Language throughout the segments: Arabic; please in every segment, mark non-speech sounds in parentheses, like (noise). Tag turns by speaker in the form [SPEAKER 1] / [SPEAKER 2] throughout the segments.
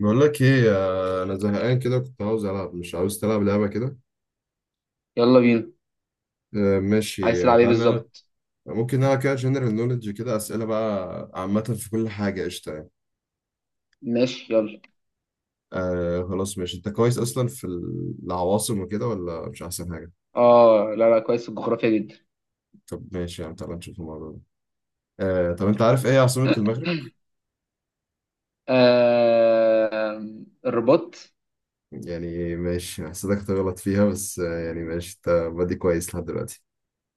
[SPEAKER 1] بقول لك ايه، انا زهقان كده، كنت عاوز العب. مش عاوز تلعب لعبه كده؟
[SPEAKER 2] يلا بينا. عايز
[SPEAKER 1] ماشي.
[SPEAKER 2] تلعب ايه
[SPEAKER 1] تعالى نلعب.
[SPEAKER 2] بالظبط؟
[SPEAKER 1] ممكن نلعب كده جنرال نوليدج، كده اسئله بقى عامه في كل حاجه قشطه يعني.
[SPEAKER 2] ماشي يلا.
[SPEAKER 1] آه خلاص ماشي، انت كويس اصلا في العواصم وكده ولا؟ مش احسن حاجه؟
[SPEAKER 2] اه، لا لا، كويس في الجغرافيا جدا.
[SPEAKER 1] طب ماشي يعني، تعالى نشوف الموضوع ده. آه طب انت عارف ايه عاصمه المغرب؟
[SPEAKER 2] آه... الرباط.
[SPEAKER 1] يعني ماشي، حسيتك هتغلط فيها بس يعني ماشي، انت بادي كويس لحد دلوقتي.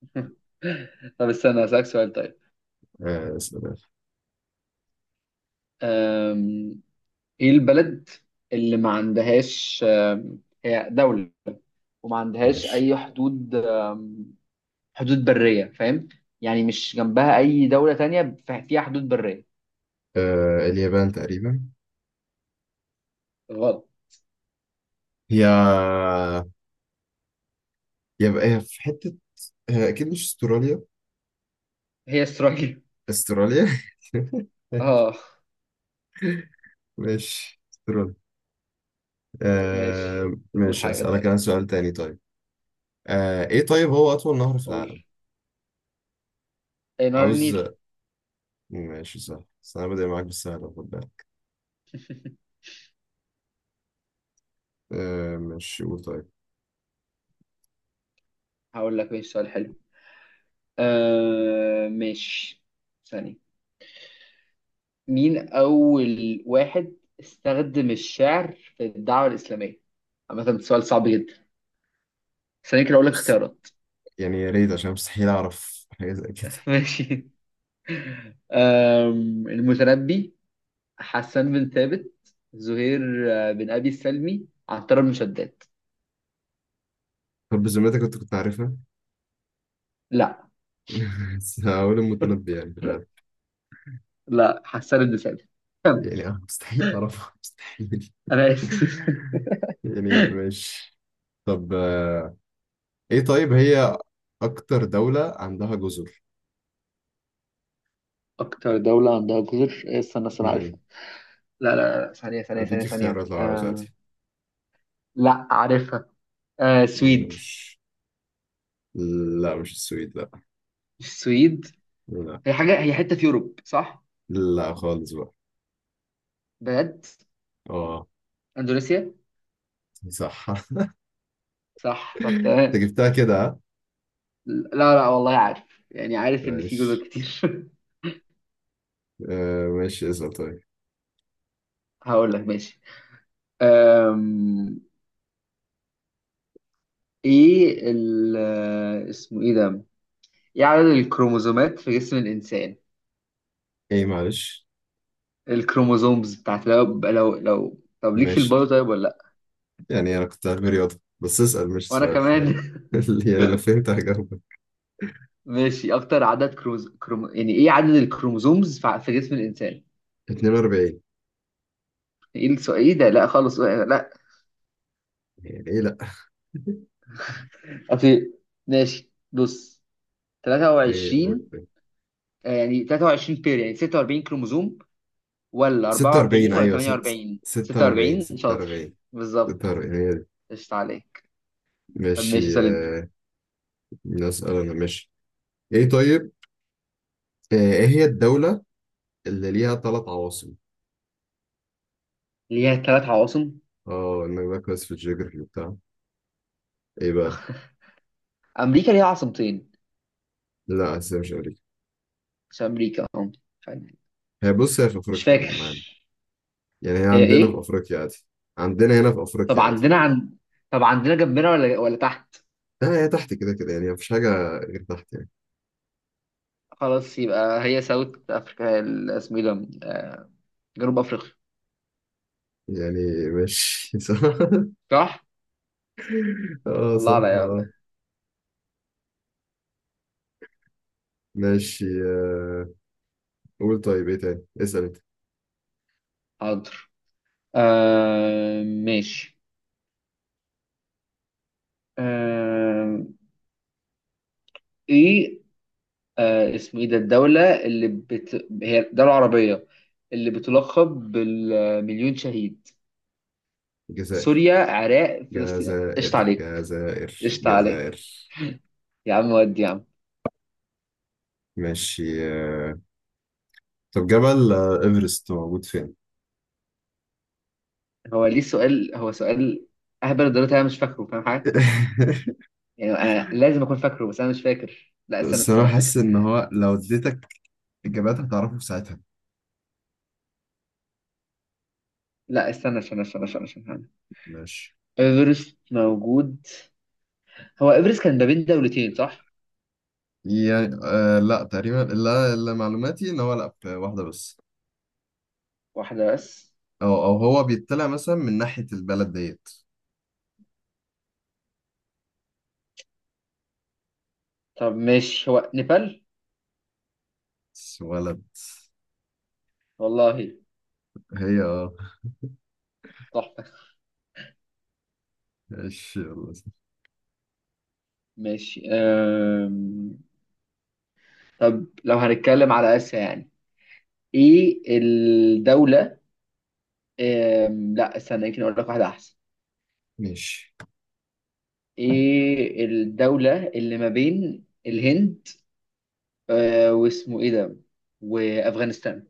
[SPEAKER 2] (laughs) طب استنى، هسألك سؤال طيب.
[SPEAKER 1] آه اسأل.
[SPEAKER 2] آم... ايه البلد اللي ما عندهاش، هي دولة، وما عندهاش
[SPEAKER 1] ماشي.
[SPEAKER 2] اي حدود، حدود برية، فاهم؟ يعني مش جنبها اي دولة تانية فيها حدود برية.
[SPEAKER 1] آه اليابان تقريبا.
[SPEAKER 2] غلط،
[SPEAKER 1] هي يبقى هي في حتة، هي أكيد مش استراليا.
[SPEAKER 2] هي اسرائيل.
[SPEAKER 1] استراليا.
[SPEAKER 2] اه
[SPEAKER 1] (laughs) ماشي استراليا. آه
[SPEAKER 2] ماشي، قول
[SPEAKER 1] ماشي،
[SPEAKER 2] حاجة
[SPEAKER 1] أسألك
[SPEAKER 2] طيب.
[SPEAKER 1] أنا سؤال تاني طيب. آه إيه طيب، هو أطول نهر في
[SPEAKER 2] قول.
[SPEAKER 1] العالم؟
[SPEAKER 2] ايه، نهر
[SPEAKER 1] عاوز.
[SPEAKER 2] النيل.
[SPEAKER 1] ماشي سهل، بس أنا بادئ معاك بالسهل، خد بالك.
[SPEAKER 2] (laughs)
[SPEAKER 1] آه ماشي، قول طيب.
[SPEAKER 2] هقول لك ماشي، سؤال حلو. آه ماشي، ثانية. مين أول واحد استخدم الشعر في الدعوة الإسلامية؟ عامة ده سؤال صعب جدا. ثانية كده أقول لك
[SPEAKER 1] بس
[SPEAKER 2] اختيارات.
[SPEAKER 1] يعني يا ريت، عشان مستحيل أعرف حاجة زي
[SPEAKER 2] (laughs)
[SPEAKER 1] كده.
[SPEAKER 2] ماشي. المتنبي، حسان بن ثابت، زهير، بن أبي السلمي، عنتر بن شداد.
[SPEAKER 1] طب بذمتك أنت كنت عارفها؟
[SPEAKER 2] لا،
[SPEAKER 1] (laughs) بس هقول المتنبي يعني في الغالب.
[SPEAKER 2] لا، حسان بن ثابت.
[SPEAKER 1] يعني
[SPEAKER 2] (laughs)
[SPEAKER 1] مستحيل أعرفها، مستحيل.
[SPEAKER 2] أنا آسف.
[SPEAKER 1] (laughs) يعني ماشي. طب ايه طيب، هي اكتر دولة عندها جزر؟
[SPEAKER 2] أكتر دولة عندها جزر، استنى استنى،
[SPEAKER 1] امم
[SPEAKER 2] عارفها. لا لا لا، ثانية ثانية ثانية
[SPEAKER 1] اديك
[SPEAKER 2] ثانية،
[SPEAKER 1] اختيارات لو عاوز عادي؟
[SPEAKER 2] لا، عارفها. آه سويد.
[SPEAKER 1] مش. لا مش السويد، لا.
[SPEAKER 2] السويد.
[SPEAKER 1] لا
[SPEAKER 2] هي حاجة، هي حتة في يوروب صح؟
[SPEAKER 1] لا خالص بقى.
[SPEAKER 2] بجد؟
[SPEAKER 1] اه
[SPEAKER 2] اندونيسيا؟
[SPEAKER 1] صح. (laughs)
[SPEAKER 2] صح، طب
[SPEAKER 1] انت
[SPEAKER 2] تمام.
[SPEAKER 1] جبتها كده ها؟
[SPEAKER 2] لا لا، والله عارف، يعني عارف ان في جزر
[SPEAKER 1] ماشي.
[SPEAKER 2] كتير.
[SPEAKER 1] آه ماشي اسأل طيب.
[SPEAKER 2] (laughs) هقول لك ماشي. أم... ايه ال اسمه ايه ده؟ ايه عدد الكروموزومات في جسم الانسان؟
[SPEAKER 1] ايه معلش.
[SPEAKER 2] الكروموزومز بتاعت، لو طب ليك في
[SPEAKER 1] ماشي
[SPEAKER 2] البايو طيب ولا لا؟
[SPEAKER 1] يعني، انا كنت عارف رياضة بس، اسأل مش
[SPEAKER 2] وانا
[SPEAKER 1] سؤال
[SPEAKER 2] كمان.
[SPEAKER 1] يعني.
[SPEAKER 2] (laughs)
[SPEAKER 1] (laughs) يعني لو فهمت هجاوبك.
[SPEAKER 2] ماشي، اكتر عدد يعني ايه عدد الكروموزومز في جسم الانسان؟
[SPEAKER 1] 42.
[SPEAKER 2] ايه السؤال، ايه ده؟ لا خالص لا.
[SPEAKER 1] يعني ايه لا. (laughs)
[SPEAKER 2] اصل ماشي بص،
[SPEAKER 1] ايه قول
[SPEAKER 2] 23.
[SPEAKER 1] طيب.
[SPEAKER 2] يعني 23 بير، يعني 46 كروموزوم، ولا
[SPEAKER 1] 46
[SPEAKER 2] 44 ولا
[SPEAKER 1] ايوه،
[SPEAKER 2] 48؟
[SPEAKER 1] 46.
[SPEAKER 2] 46، شاطر
[SPEAKER 1] 46
[SPEAKER 2] بالظبط.
[SPEAKER 1] 46
[SPEAKER 2] قشطة عليك. طب
[SPEAKER 1] ماشي
[SPEAKER 2] ماشي، سلمت.
[SPEAKER 1] نسأل. أنا ماشي. إيه طيب؟ إيه هي الدولة اللي ليها ثلاث عواصم؟
[SPEAKER 2] ليها ثلاث عواصم؟
[SPEAKER 1] آه إنك بقى كويس في الجيوغرافي وبتاع. إيه بقى؟
[SPEAKER 2] (laughs) امريكا ليها عاصمتين.
[SPEAKER 1] لا آسيا، مش أمريكا.
[SPEAKER 2] مش امريكا،
[SPEAKER 1] هي بص، هي في
[SPEAKER 2] مش
[SPEAKER 1] أفريقيا
[SPEAKER 2] فاكر.
[SPEAKER 1] معانا. يعني هي
[SPEAKER 2] هي
[SPEAKER 1] عندنا في
[SPEAKER 2] ايه؟
[SPEAKER 1] أفريقيا عادي. عندنا هنا في
[SPEAKER 2] طب
[SPEAKER 1] أفريقيا عادي.
[SPEAKER 2] عندنا عن، طب عندنا جنبنا ولا تحت؟
[SPEAKER 1] لا هي تحت كده كده، يعني مفيش حاجة غير تحت يعني.
[SPEAKER 2] خلاص يبقى هي ساوث افريقيا، اسمه ايه ده، جنوب افريقيا.
[SPEAKER 1] يعني ماشي. (laughs) صح.
[SPEAKER 2] صح.
[SPEAKER 1] آه
[SPEAKER 2] الله
[SPEAKER 1] صح
[SPEAKER 2] عليا
[SPEAKER 1] آه.
[SPEAKER 2] والله.
[SPEAKER 1] ماشي قول طيب، إيه تاني؟ اسأل أنت.
[SPEAKER 2] حاضر. آه ماشي، آه ايه، آه اسمه ايه ده، الدولة اللي بت... هي دولة عربية اللي بتلقب بالمليون شهيد.
[SPEAKER 1] الجزائر.
[SPEAKER 2] سوريا، عراق، فلسطين. قشطة
[SPEAKER 1] جزائر
[SPEAKER 2] عليك،
[SPEAKER 1] جزائر
[SPEAKER 2] قشطة عليك.
[SPEAKER 1] جزائر.
[SPEAKER 2] يا عم ودي، يا عم.
[SPEAKER 1] ماشي. آه، طب جبل إيفرست موجود فين؟
[SPEAKER 2] هو ليه سؤال؟ هو سؤال اهبل الدرجة انا مش فاكره، فاهم حاجة؟
[SPEAKER 1] (laughs)
[SPEAKER 2] يعني أنا لازم اكون فاكره، بس انا مش فاكر. لا استنى
[SPEAKER 1] بس انا
[SPEAKER 2] استنى
[SPEAKER 1] حاسس
[SPEAKER 2] افتكر.
[SPEAKER 1] ان هو لو اديتك اجابات هتعرفه في ساعتها.
[SPEAKER 2] لا استنى استنى استنى استنى استنى استنى.
[SPEAKER 1] ماشي.
[SPEAKER 2] ايفرست موجود. هو ايفرست كان ما بين دولتين صح؟
[SPEAKER 1] يعني آه لا، تقريبا لا. اللي معلوماتي ان هو لا، في واحده بس.
[SPEAKER 2] واحدة بس؟
[SPEAKER 1] او او هو بيطلع مثلا من ناحيه البلد ديت
[SPEAKER 2] طب ماشي، هو نيبال.
[SPEAKER 1] بس ولد.
[SPEAKER 2] والله،
[SPEAKER 1] هي اه.
[SPEAKER 2] تحفة.
[SPEAKER 1] ماشي يلا.
[SPEAKER 2] ماشي. طب لو هنتكلم على آسيا، يعني ايه الدولة، لا استنى، يمكن اقول لك واحدة احسن.
[SPEAKER 1] ماشي.
[SPEAKER 2] ايه الدولة اللي ما بين الهند، واسمه ايه ده، وافغانستان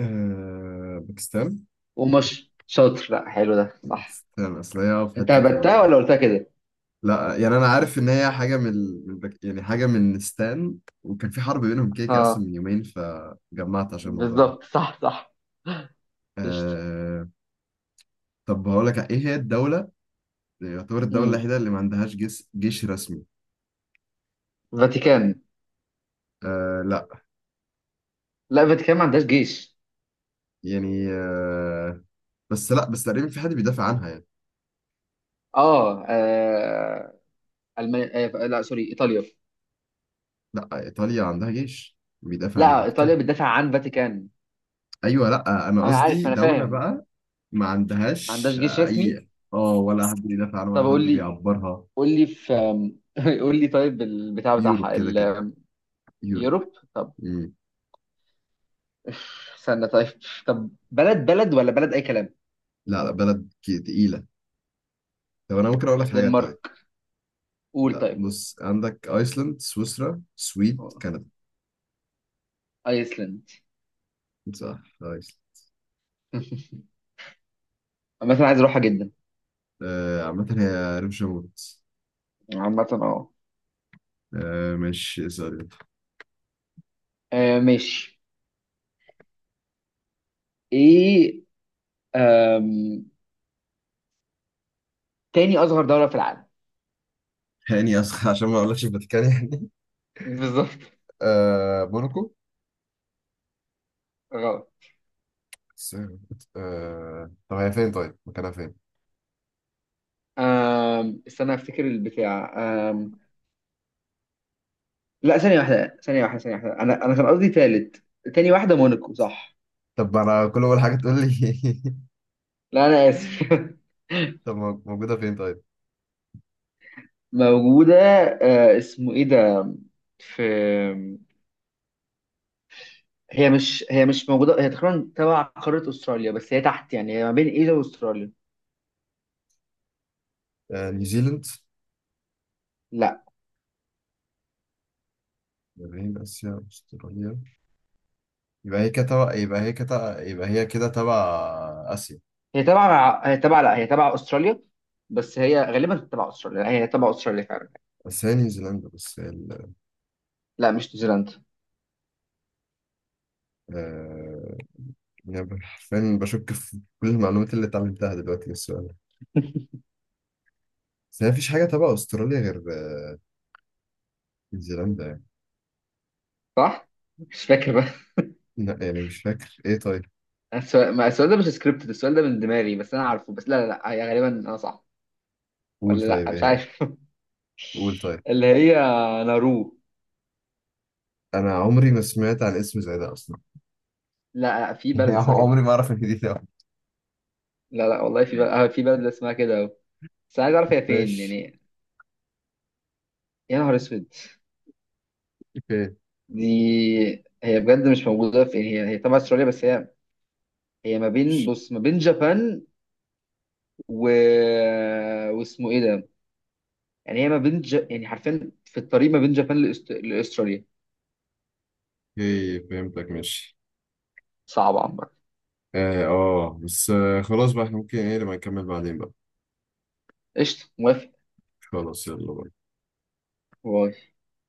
[SPEAKER 1] آه باكستان.
[SPEAKER 2] ومصر؟ شاطر، لا حلو ده، صح.
[SPEAKER 1] باكستان اصل هي في
[SPEAKER 2] انت
[SPEAKER 1] حته.
[SPEAKER 2] هبتها ولا قلتها كده؟
[SPEAKER 1] لا يعني انا عارف ان هي حاجه من يعني حاجه من ستان، وكان في حرب بينهم كده كده اصلا
[SPEAKER 2] اه
[SPEAKER 1] من يومين، فجمعت عشان الموضوع ده.
[SPEAKER 2] بالظبط، صح صح. قشطة.
[SPEAKER 1] آه... طب هقول لك، ايه هي الدوله يعتبر الدوله
[SPEAKER 2] مم.
[SPEAKER 1] الوحيده اللي ما عندهاش جيش رسمي؟
[SPEAKER 2] فاتيكان.
[SPEAKER 1] لا.
[SPEAKER 2] لا، فاتيكان ما عندهاش جيش.
[SPEAKER 1] يعني بس لا، بس تقريبا في حد بيدافع عنها يعني.
[SPEAKER 2] اه, آه... المانيا، لا سوري، ايطاليا.
[SPEAKER 1] لا ايطاليا عندها جيش بيدافع عن
[SPEAKER 2] لا، ايطاليا
[SPEAKER 1] الفاتيكان.
[SPEAKER 2] بتدافع عن فاتيكان.
[SPEAKER 1] ايوه لا، انا
[SPEAKER 2] انا عارف،
[SPEAKER 1] قصدي
[SPEAKER 2] انا
[SPEAKER 1] دوله
[SPEAKER 2] فاهم.
[SPEAKER 1] بقى ما
[SPEAKER 2] ما عندهاش
[SPEAKER 1] عندهاش
[SPEAKER 2] جيش رسمي.
[SPEAKER 1] اي. اه، ولا حد بيدافع عنها ولا
[SPEAKER 2] طب
[SPEAKER 1] حد
[SPEAKER 2] قول لي،
[SPEAKER 1] بيعبرها.
[SPEAKER 2] قول لي في، (laughs) قول لي طيب البتاع
[SPEAKER 1] يوروب
[SPEAKER 2] بتاعها
[SPEAKER 1] كده كده.
[SPEAKER 2] يوروب. طب
[SPEAKER 1] يوروب.
[SPEAKER 2] استنى طيب، طب بلد بلد ولا بلد اي كلام؟
[SPEAKER 1] لا لا، بلد تقيلة. طب أنا ممكن أقول لك حاجات طيب؟
[SPEAKER 2] دنمارك. قول
[SPEAKER 1] لا
[SPEAKER 2] طيب.
[SPEAKER 1] بص، عندك أيسلند، سويسرا، سويد، كندا.
[SPEAKER 2] ايسلند.
[SPEAKER 1] صح أيسلند.
[SPEAKER 2] (laughs) مثلا عايز اروحها جدا.
[SPEAKER 1] عامة هي ريف شموت.
[SPEAKER 2] عامة اه،
[SPEAKER 1] مش سوري.
[SPEAKER 2] ماشي. ايه، آم، تاني اصغر دولة في العالم.
[SPEAKER 1] هاني أسخ عشان ما أقولكش الفاتيكان يعني.
[SPEAKER 2] (laughs) بالظبط.
[SPEAKER 1] (laughs) موناكو.
[SPEAKER 2] غلط.
[SPEAKER 1] س- طب هي فين طيب، مكانها فين؟
[SPEAKER 2] استنى افتكر البتاع. لا، ثانية واحدة ثانية واحدة ثانية واحدة، أنا كان قصدي تالت. تاني واحدة، موناكو صح؟
[SPEAKER 1] طب أنا كل أول حاجة تقول لي.
[SPEAKER 2] لا أنا آسف. (laughs)
[SPEAKER 1] (laughs) طب موجودة فين طيب؟
[SPEAKER 2] موجودة، آه اسمه إيه ده، في. هي مش موجودة، هي تقريبا تبع قارة أستراليا بس هي تحت، يعني هي ما بين إيه ده وأستراليا.
[SPEAKER 1] نيوزيلند.
[SPEAKER 2] لا،
[SPEAKER 1] يابان، آسيا، أستراليا. يبقى هي كده يبقى هي كده تبع آسيا.
[SPEAKER 2] هي تبع لا، هي تبع أستراليا. بس هي غالبا تبع أستراليا، لا، هي تبع أستراليا فعلا.
[SPEAKER 1] بس هي نيوزيلندا بس ال...
[SPEAKER 2] لا مش نيوزيلندا.
[SPEAKER 1] آه... يعني حرفيا بشك في كل المعلومات اللي اتعلمتها دلوقتي من السؤال ده.
[SPEAKER 2] (laughs)
[SPEAKER 1] بس هي مفيش حاجة تبع أستراليا غير نيوزيلندا يعني.
[SPEAKER 2] صح؟ مش فاكر بقى.
[SPEAKER 1] لا يعني مش فاكر. إيه طيب؟
[SPEAKER 2] (laughs) السؤال، ما السؤال ده مش سكريبتد، السؤال ده من دماغي، بس أنا عارفه. بس لا لا لا، هي غالبا أنا صح.
[SPEAKER 1] قول
[SPEAKER 2] ولا
[SPEAKER 1] طيب،
[SPEAKER 2] لا،
[SPEAKER 1] إيه
[SPEAKER 2] مش
[SPEAKER 1] هي؟
[SPEAKER 2] عارف. (laughs)
[SPEAKER 1] قول طيب.
[SPEAKER 2] اللي هي، نارو.
[SPEAKER 1] أنا عمري ما سمعت عن اسم زي ده أصلا. (laughs)
[SPEAKER 2] لا، في
[SPEAKER 1] يعني
[SPEAKER 2] بلد اسمها كده.
[SPEAKER 1] عمري ما أعرف إن دي ده.
[SPEAKER 2] لا لا والله، في بلد، في بلد اسمها كده أهو. بس عايز اعرف هي فين
[SPEAKER 1] ماشي.
[SPEAKER 2] يعني. يا نهار اسود.
[SPEAKER 1] أوكي.
[SPEAKER 2] دي، هي بجد مش موجوده في يعني، هي تبع استراليا، بس هي ما بين،
[SPEAKER 1] ماشي.
[SPEAKER 2] بص، ما بين جابان و، واسمه ايه ده، يعني هي ما بين ج... يعني حرفيا في الطريق ما بين جابان لاستراليا.
[SPEAKER 1] أوكي فهمتك، ماشي.
[SPEAKER 2] صعب عمرك.
[SPEAKER 1] بس آه خلاص بقى، إحنا ممكن إيه لما نكمل بعدين بقى.
[SPEAKER 2] قشطه، موافق.
[SPEAKER 1] خلاص يلا بقى.
[SPEAKER 2] باي.